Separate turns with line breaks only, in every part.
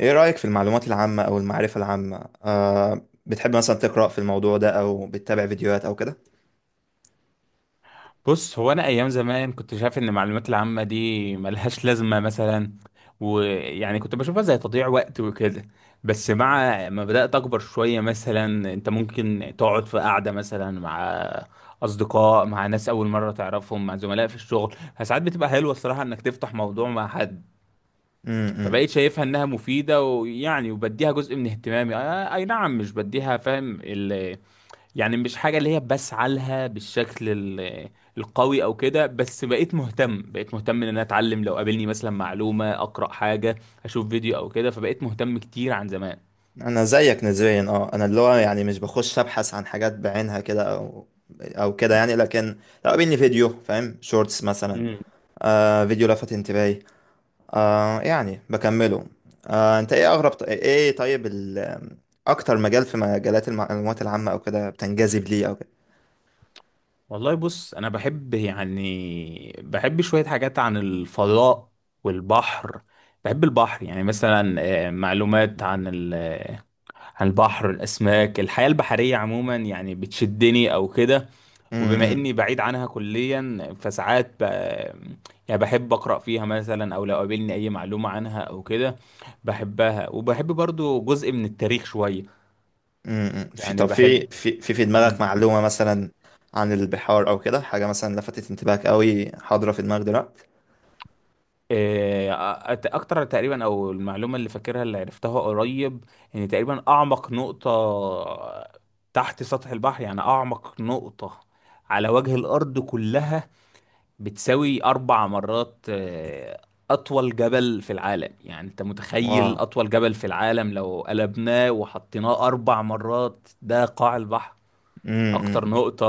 ايه رأيك في المعلومات العامة او المعرفة العامة، بتحب مثلا تقرأ في الموضوع ده او بتتابع فيديوهات او كده؟
بص، هو انا ايام زمان كنت شايف ان المعلومات العامه دي ملهاش لازمه مثلا، ويعني كنت بشوفها زي تضييع وقت وكده. بس مع ما بدات اكبر شويه، مثلا انت ممكن تقعد في قعده مثلا مع اصدقاء، مع ناس اول مره تعرفهم، مع زملاء في الشغل، فساعات بتبقى حلوه الصراحه انك تفتح موضوع مع حد.
امم.
فبقيت شايفها انها مفيده، ويعني وبديها جزء من اهتمامي، اي نعم، مش بديها فاهم. يعني مش حاجة اللي هي بسعى لها بالشكل القوي او كده، بس بقيت مهتم ان انا اتعلم، لو قابلني مثلا معلومة اقرأ حاجة اشوف فيديو او كده، فبقيت مهتم كتير عن زمان.
انا زيك نسبيا. اه انا اللي هو يعني مش بخش ابحث عن حاجات بعينها كده، او كده يعني. لكن لو قابلني فيديو، فاهم، شورتس مثلا،
مم.
فيديو لفت انتباهي، يعني بكمله. انت ايه اغرب، ايه طيب، اكتر مجال في مجالات المعلومات العامة او كده بتنجذب ليه او
والله بص انا بحب، يعني بحب شوية حاجات عن الفضاء والبحر. بحب البحر يعني مثلا، معلومات عن عن البحر، الاسماك، الحياة البحرية عموما، يعني بتشدني او كده. وبما
كده؟
اني بعيد عنها كليا فساعات ب... يعني بحب اقرا فيها مثلا، او لو قابلني اي معلومه عنها او كده بحبها. وبحب برضو جزء من التاريخ شويه،
امم. طب،
يعني بحب.
في دماغك
مم.
معلومة مثلا عن البحار او كده، حاجة مثلا لفتت انتباهك قوي، حاضرة في دماغك دلوقتي؟
إيه، اكتر تقريبا، او المعلومه اللي فاكرها اللي عرفتها قريب، ان تقريبا اعمق نقطه تحت سطح البحر، يعني اعمق نقطه على وجه الارض كلها بتساوي 4 مرات أطول جبل في العالم. يعني أنت
واو.
متخيل أطول جبل في العالم لو قلبناه وحطيناه 4 مرات ده قاع البحر، أكتر
امم.
نقطة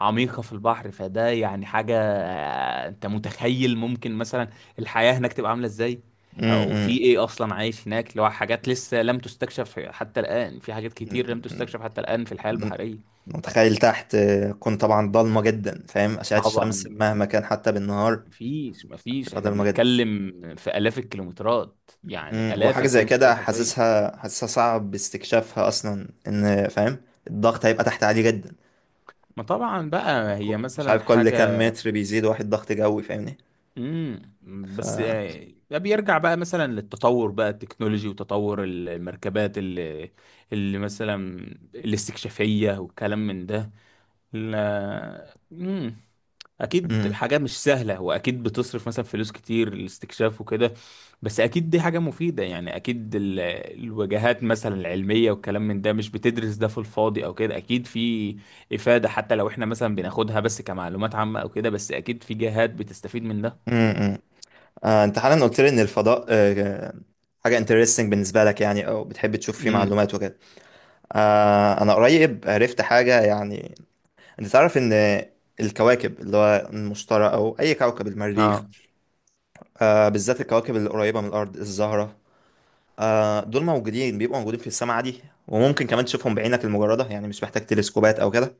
عميقة في البحر. فده يعني حاجة، أنت متخيل ممكن مثلا الحياة هناك تبقى عاملة إزاي؟ أو
امم.
في إيه أصلا عايش هناك، اللي هو حاجات لسه لم تستكشف حتى الآن، في حاجات كتير لم تستكشف حتى الآن في الحياة البحرية.
متخيل تحت، كون طبعا ضلمة جدا، فاهم، أشعة الشمس
طبعا
مهما كان حتى بالنهار
مفيش،
تبقى
احنا
ضلمة جدا.
بنتكلم في آلاف الكيلومترات، يعني
امم.
آلاف
وحاجة زي كده
الكيلومترات حرفيا.
حاسسها صعب استكشافها اصلا، ان فاهم الضغط هيبقى تحت عالي جدا.
ما طبعا بقى هي
مش
مثلا
عارف كل كام
حاجة.
متر بيزيد واحد ضغط جوي، فاهمني؟
امم.
ف
بس ده بيرجع بقى مثلا للتطور بقى التكنولوجي، وتطور المركبات اللي مثلا الاستكشافية والكلام من ده. لا. مم. اكيد
امم.
حاجه مش سهله، واكيد بتصرف مثلا فلوس كتير الاستكشاف وكده، بس اكيد دي حاجه مفيده. يعني اكيد الوجهات مثلا العلميه والكلام من ده مش بتدرس ده في الفاضي او كده، اكيد في افاده حتى لو احنا مثلا بناخدها بس كمعلومات عامه او كده، بس اكيد في جهات بتستفيد من ده.
امم. انت حالا قلت لي ان الفضاء حاجه انترستنج بالنسبه لك يعني، او بتحب تشوف فيه
امم.
معلومات وكده. انا قريب عرفت حاجه يعني. انت تعرف ان الكواكب، اللي هو المشتري او اي كوكب، المريخ،
اه.
بالذات الكواكب اللي قريبه من الارض، الزهره، دول موجودين بيبقوا موجودين في السماء عادي. وممكن كمان تشوفهم بعينك المجرده، يعني مش محتاج تلسكوبات او كده.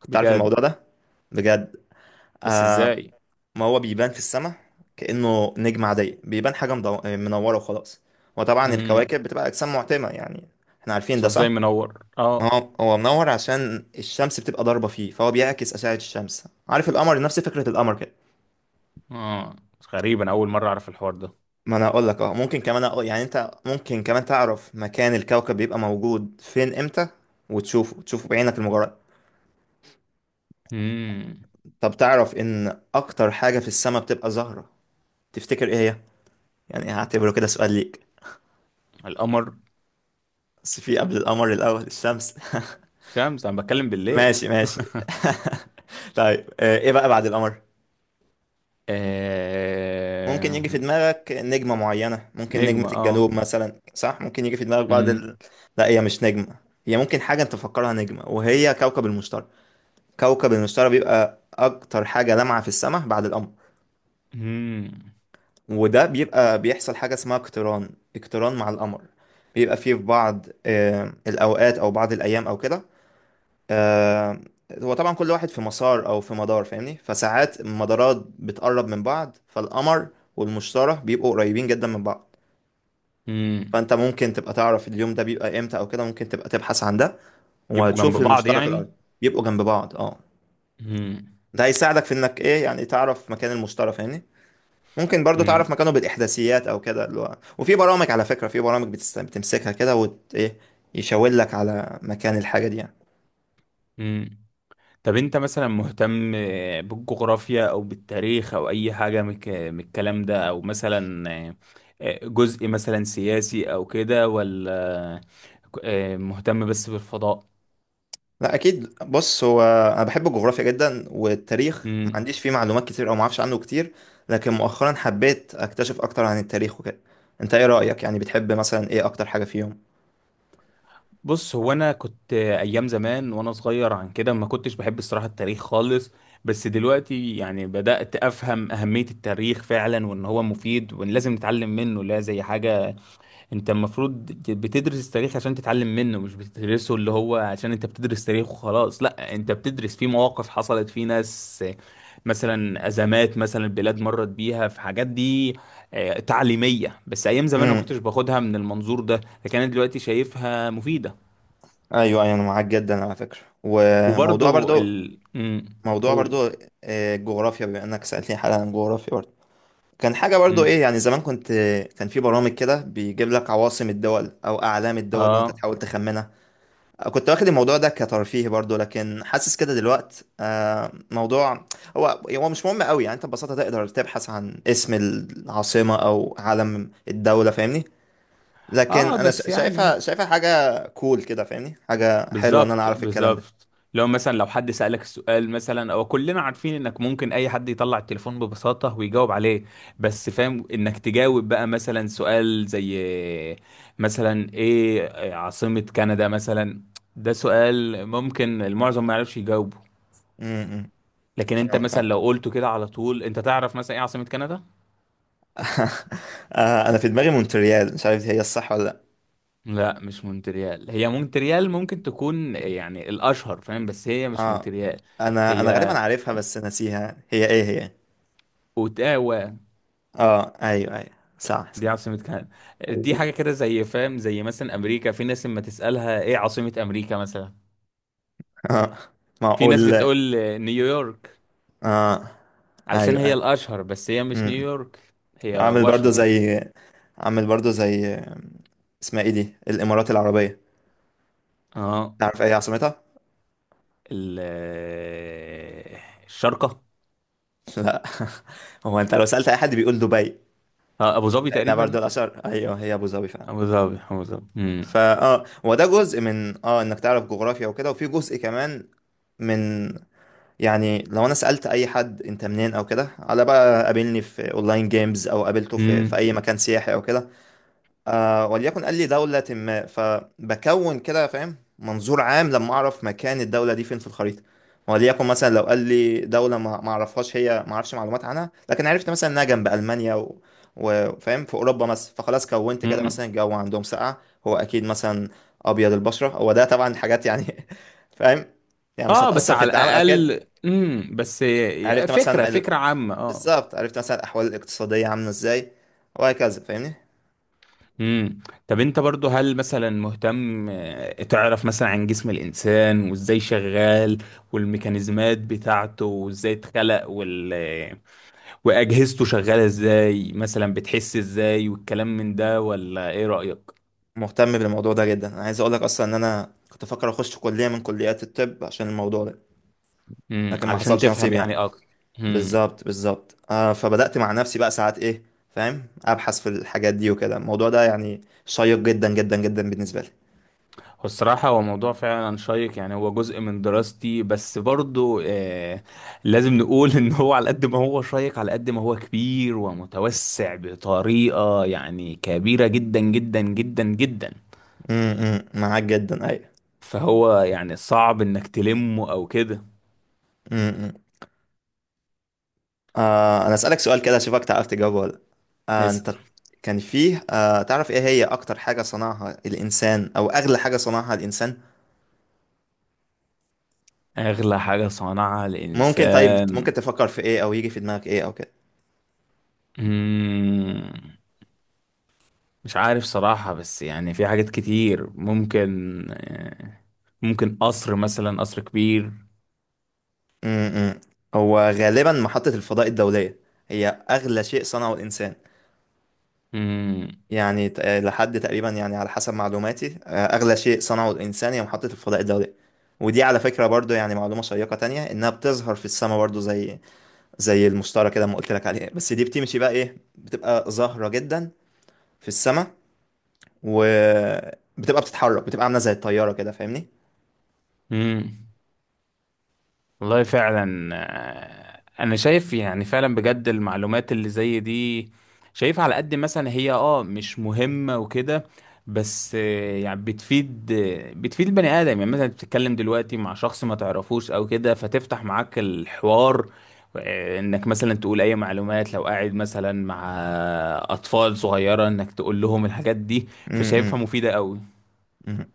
كنت عارف
بجد.
الموضوع ده؟ بجد.
بس
آه،
ازاي؟
ما هو بيبان في السماء كأنه نجمة عادية. بيبان حاجة منورة وخلاص. وطبعا
امم.
الكواكب بتبقى أجسام معتمة يعني، احنا عارفين
بس
ده
هو
صح؟
ازاي منور؟
ما
اه.
هو هو منور عشان الشمس بتبقى ضاربة فيه، فهو بيعكس أشعة الشمس. عارف القمر؟ نفس فكرة القمر كده.
اه، غريب انا اول مره اعرف الحوار ده.
ما انا اقول لك. اه ممكن كمان أقول، يعني انت ممكن كمان تعرف مكان الكوكب بيبقى موجود فين امتى تشوفه بعينك المجرد.
امم.
طب تعرف ان اكتر حاجة في السماء بتبقى زهرة؟ تفتكر ايه هي؟ يعني هعتبره كده سؤال ليك.
القمر.
بس في قبل القمر الاول، الشمس.
شمس، انا بتكلم بالليل.
ماشي ماشي. طيب، ايه بقى بعد القمر؟ ممكن
آه...
يجي في دماغك نجمة معينة، ممكن نجمة
نجمة.
الجنوب
اه.
مثلا صح، ممكن يجي في دماغك بعد
مم.
لا، هي مش نجمة، هي ممكن حاجة انت تفكرها نجمة وهي كوكب المشتري. كوكب المشتري بيبقى اكتر حاجة لامعة في السماء بعد القمر.
مم.
وده بيبقى بيحصل حاجة اسمها اقتران، اقتران مع القمر. بيبقى فيه في بعض الأوقات أو بعض الأيام أو كده. آه، هو طبعا كل واحد في مسار او في مدار، فاهمني؟ فساعات المدارات بتقرب من بعض، فالقمر والمشتري بيبقوا قريبين جدا من بعض.
مم.
فانت ممكن تبقى تعرف اليوم ده بيبقى امتى او كده، ممكن تبقى تبحث عن ده
يبقوا جنب
وتشوف
بعض
المشتري في الارض.
يعني.
بيبقوا جنب بعض، اه.
مم.
ده هيساعدك في انك ايه، يعني تعرف مكان المشتري، فاهمني؟ ممكن برضو تعرف
مم.
مكانه بالاحداثيات او كده، اللي هو، وفي برامج على فكرة. في برامج بتمسكها كده ايه، يشاور لك على مكان الحاجة دي يعني.
مم. طب انت مثلا مهتم بالجغرافيا او بالتاريخ او اي حاجة من من الكلام ده، او مثلا جزء مثلا سياسي او كده، ولا مهتم بس بالفضاء؟
لا اكيد، بص، هو انا بحب الجغرافيا جدا، والتاريخ ما
مم.
عنديش فيه معلومات كتير او ما اعرفش عنه كتير. لكن مؤخرا حبيت اكتشف اكتر عن التاريخ وكده. انت ايه رايك يعني؟ بتحب مثلا ايه اكتر حاجه فيهم؟
بص هو انا كنت ايام زمان وانا صغير عن كده ما كنتش بحب الصراحه التاريخ خالص، بس دلوقتي يعني بدات افهم اهميه التاريخ فعلا، وان هو مفيد، وان لازم نتعلم منه، لا زي حاجه. انت المفروض بتدرس التاريخ عشان تتعلم منه، مش بتدرسه اللي هو عشان انت بتدرس تاريخ وخلاص، لا انت بتدرس فيه مواقف حصلت، فيه ناس مثلا ازمات مثلا البلاد مرت بيها، في حاجات دي تعليميه. بس ايام زمان ما
امم.
كنتش باخدها من المنظور ده، لكن انا دلوقتي شايفها مفيده.
ايوه ايوه، انا معاك جدا على فكره. وموضوع
وبرضو
برضو،
مم.
موضوع
قول.
برضو، الجغرافيا، بما انك سالتني حالا عن الجغرافيا، برضو كان حاجه برضو
مم.
ايه يعني، زمان كنت، كان في برامج كده بيجيب لك عواصم الدول او اعلام الدول وانت
اه.
تحاول تخمنها. كنت واخد الموضوع ده كترفيه برضو، لكن حاسس كده دلوقت موضوع، هو هو مش مهم قوي يعني. انت ببساطة تقدر تبحث عن اسم العاصمة او علم الدولة، فاهمني. لكن
اه،
انا
بس يعني،
شايفها حاجة كول كده، فاهمني، حاجة حلوة ان انا
بالظبط
اعرف الكلام ده.
بالظبط. لو حد سألك السؤال مثلا، او كلنا عارفين انك ممكن اي حد يطلع التليفون ببساطة ويجاوب عليه، بس فاهم انك تجاوب بقى مثلا سؤال زي مثلا ايه عاصمة كندا مثلا. ده سؤال ممكن المعظم ما يعرفش يجاوبه،
امم.
لكن انت
فاهم
مثلا
فاهم.
لو قلته كده على طول انت تعرف مثلا ايه عاصمة كندا.
انا في دماغي مونتريال، مش عارف هي الصح ولا لا.
لا مش مونتريال، هي مونتريال ممكن تكون يعني الأشهر فاهم، بس هي مش
اه،
مونتريال.
انا غالبا
هي
عارفها بس ناسيها، هي ايه هي؟
أوتاوا،
اه ايوه ايوه صح
دي
صح.
عاصمة كندا. دي حاجة كده زي فاهم زي مثلا أمريكا، في ناس لما تسألها إيه عاصمة أمريكا مثلا،
اه،
في ناس
معقول.
بتقول نيويورك
اه
علشان
ايوه
هي
ايوه.
الأشهر، بس هي مش
امم.
نيويورك، هي
عامل برضو
واشنطن.
زي عامل برضو زي، اسمها ايه دي، الامارات العربيه،
اه.
تعرف ايه عاصمتها؟
ال الشارقة.
لا. هو انت لو سالت اي حد بيقول دبي،
أبو ظبي
لانها برضو
تقريبا.
الاشهر. ايوه، هي ابو ظبي فعلا.
أبو ظبي أبو ظبي. امم.
فا اه هو ده جزء من انك تعرف جغرافيا وكده. وفي جزء كمان من، يعني لو انا سالت اي حد انت منين او كده، على بقى قابلني في اونلاين جيمز او قابلته في اي مكان سياحي او كده، آه وليكن قال لي دولة ما، فبكون كده فاهم منظور عام لما أعرف مكان الدولة دي فين في الخريطة. وليكن مثلا لو قال لي دولة ما ما أعرفهاش، هي ما أعرفش معلومات عنها، لكن عرفت مثلا إنها جنب ألمانيا وفاهم في أوروبا مثلا. فخلاص كونت كده
امم،
مثلا الجو عندهم ساقعة. هو أكيد مثلا أبيض البشرة، هو ده طبعا حاجات يعني، فاهم، يعني مش
اه، بس
هتأثر في
على
التعامل أو كده.
الاقل. امم، بس
عرفت
فكره
مثلا ال...
فكره عامه، اه.
بالظبط، عرفت مثلا الأحوال الاقتصادية عاملة إزاي وهكذا، فاهمني.
امم. طب انت برضو هل مثلا مهتم تعرف مثلا عن جسم الانسان وازاي شغال، والميكانيزمات بتاعته، وازاي اتخلق وال... آه، واجهزته شغاله ازاي، مثلا بتحس ازاي، والكلام من ده، ولا ايه رايك؟
مهتم بالموضوع ده جدا. انا عايز اقول لك اصلا ان انا كنت فاكر اخش كليه من كليات الطب عشان الموضوع ده،
امم،
لكن ما
علشان
حصلش نصيب
تفهم
يعني.
يعني اكتر. امم.
بالظبط بالظبط، فبدات مع نفسي بقى ساعات ايه، فاهم، ابحث في الحاجات دي وكده. الموضوع ده يعني شيق جدا جدا جدا بالنسبه لي.
هو الصراحة هو موضوع فعلا شيق، يعني هو جزء من دراستي، بس برضو لازم نقول ان هو على قد ما هو شيق على قد ما هو كبير ومتوسع بطريقة يعني كبيرة جدا جدا جدا جدا.
معاك جدا، ايوه.
فهو يعني صعب انك تلمه او كده.
امم. انا اسالك سؤال كده اشوفك تعرف تجاوبه ولا لأ. آه
اسأل.
انت كان فيه، تعرف ايه هي اكتر حاجه صنعها الانسان او اغلى حاجه صنعها الانسان؟
اغلى حاجة صنعها
طيب، ممكن
الانسان؟
تفكر في ايه او يجي في دماغك ايه او كده؟
مم، مش عارف صراحة، بس يعني في حاجات كتير ممكن قصر مثلا، قصر كبير.
امم. هو غالبا محطة الفضاء الدولية هي أغلى شيء صنعه الإنسان.
مم.
يعني لحد تقريبا يعني، على حسب معلوماتي أغلى شيء صنعه الإنسان هي محطة الفضاء الدولية. ودي على فكرة برضو يعني معلومة شيقة تانية، إنها بتظهر في السماء برضو زي المشتري كده ما قلت لك عليه. بس دي بتمشي بقى إيه، بتبقى زهرة جدا في السماء، وبتبقى بتتحرك، بتبقى عاملة زي الطيارة كده، فاهمني؟
امم. والله فعلا، انا شايف يعني فعلا بجد المعلومات اللي زي دي، شايف على قد مثلا هي مش مهمة وكده، بس يعني بتفيد البني ادم. يعني مثلا بتتكلم دلوقتي مع شخص ما تعرفوش او كده فتفتح معاك الحوار، انك مثلا تقول اي معلومات، لو قاعد مثلا مع اطفال صغيرة انك تقول لهم الحاجات دي.
امم. امم.
فشايفها مفيدة قوي.
امم.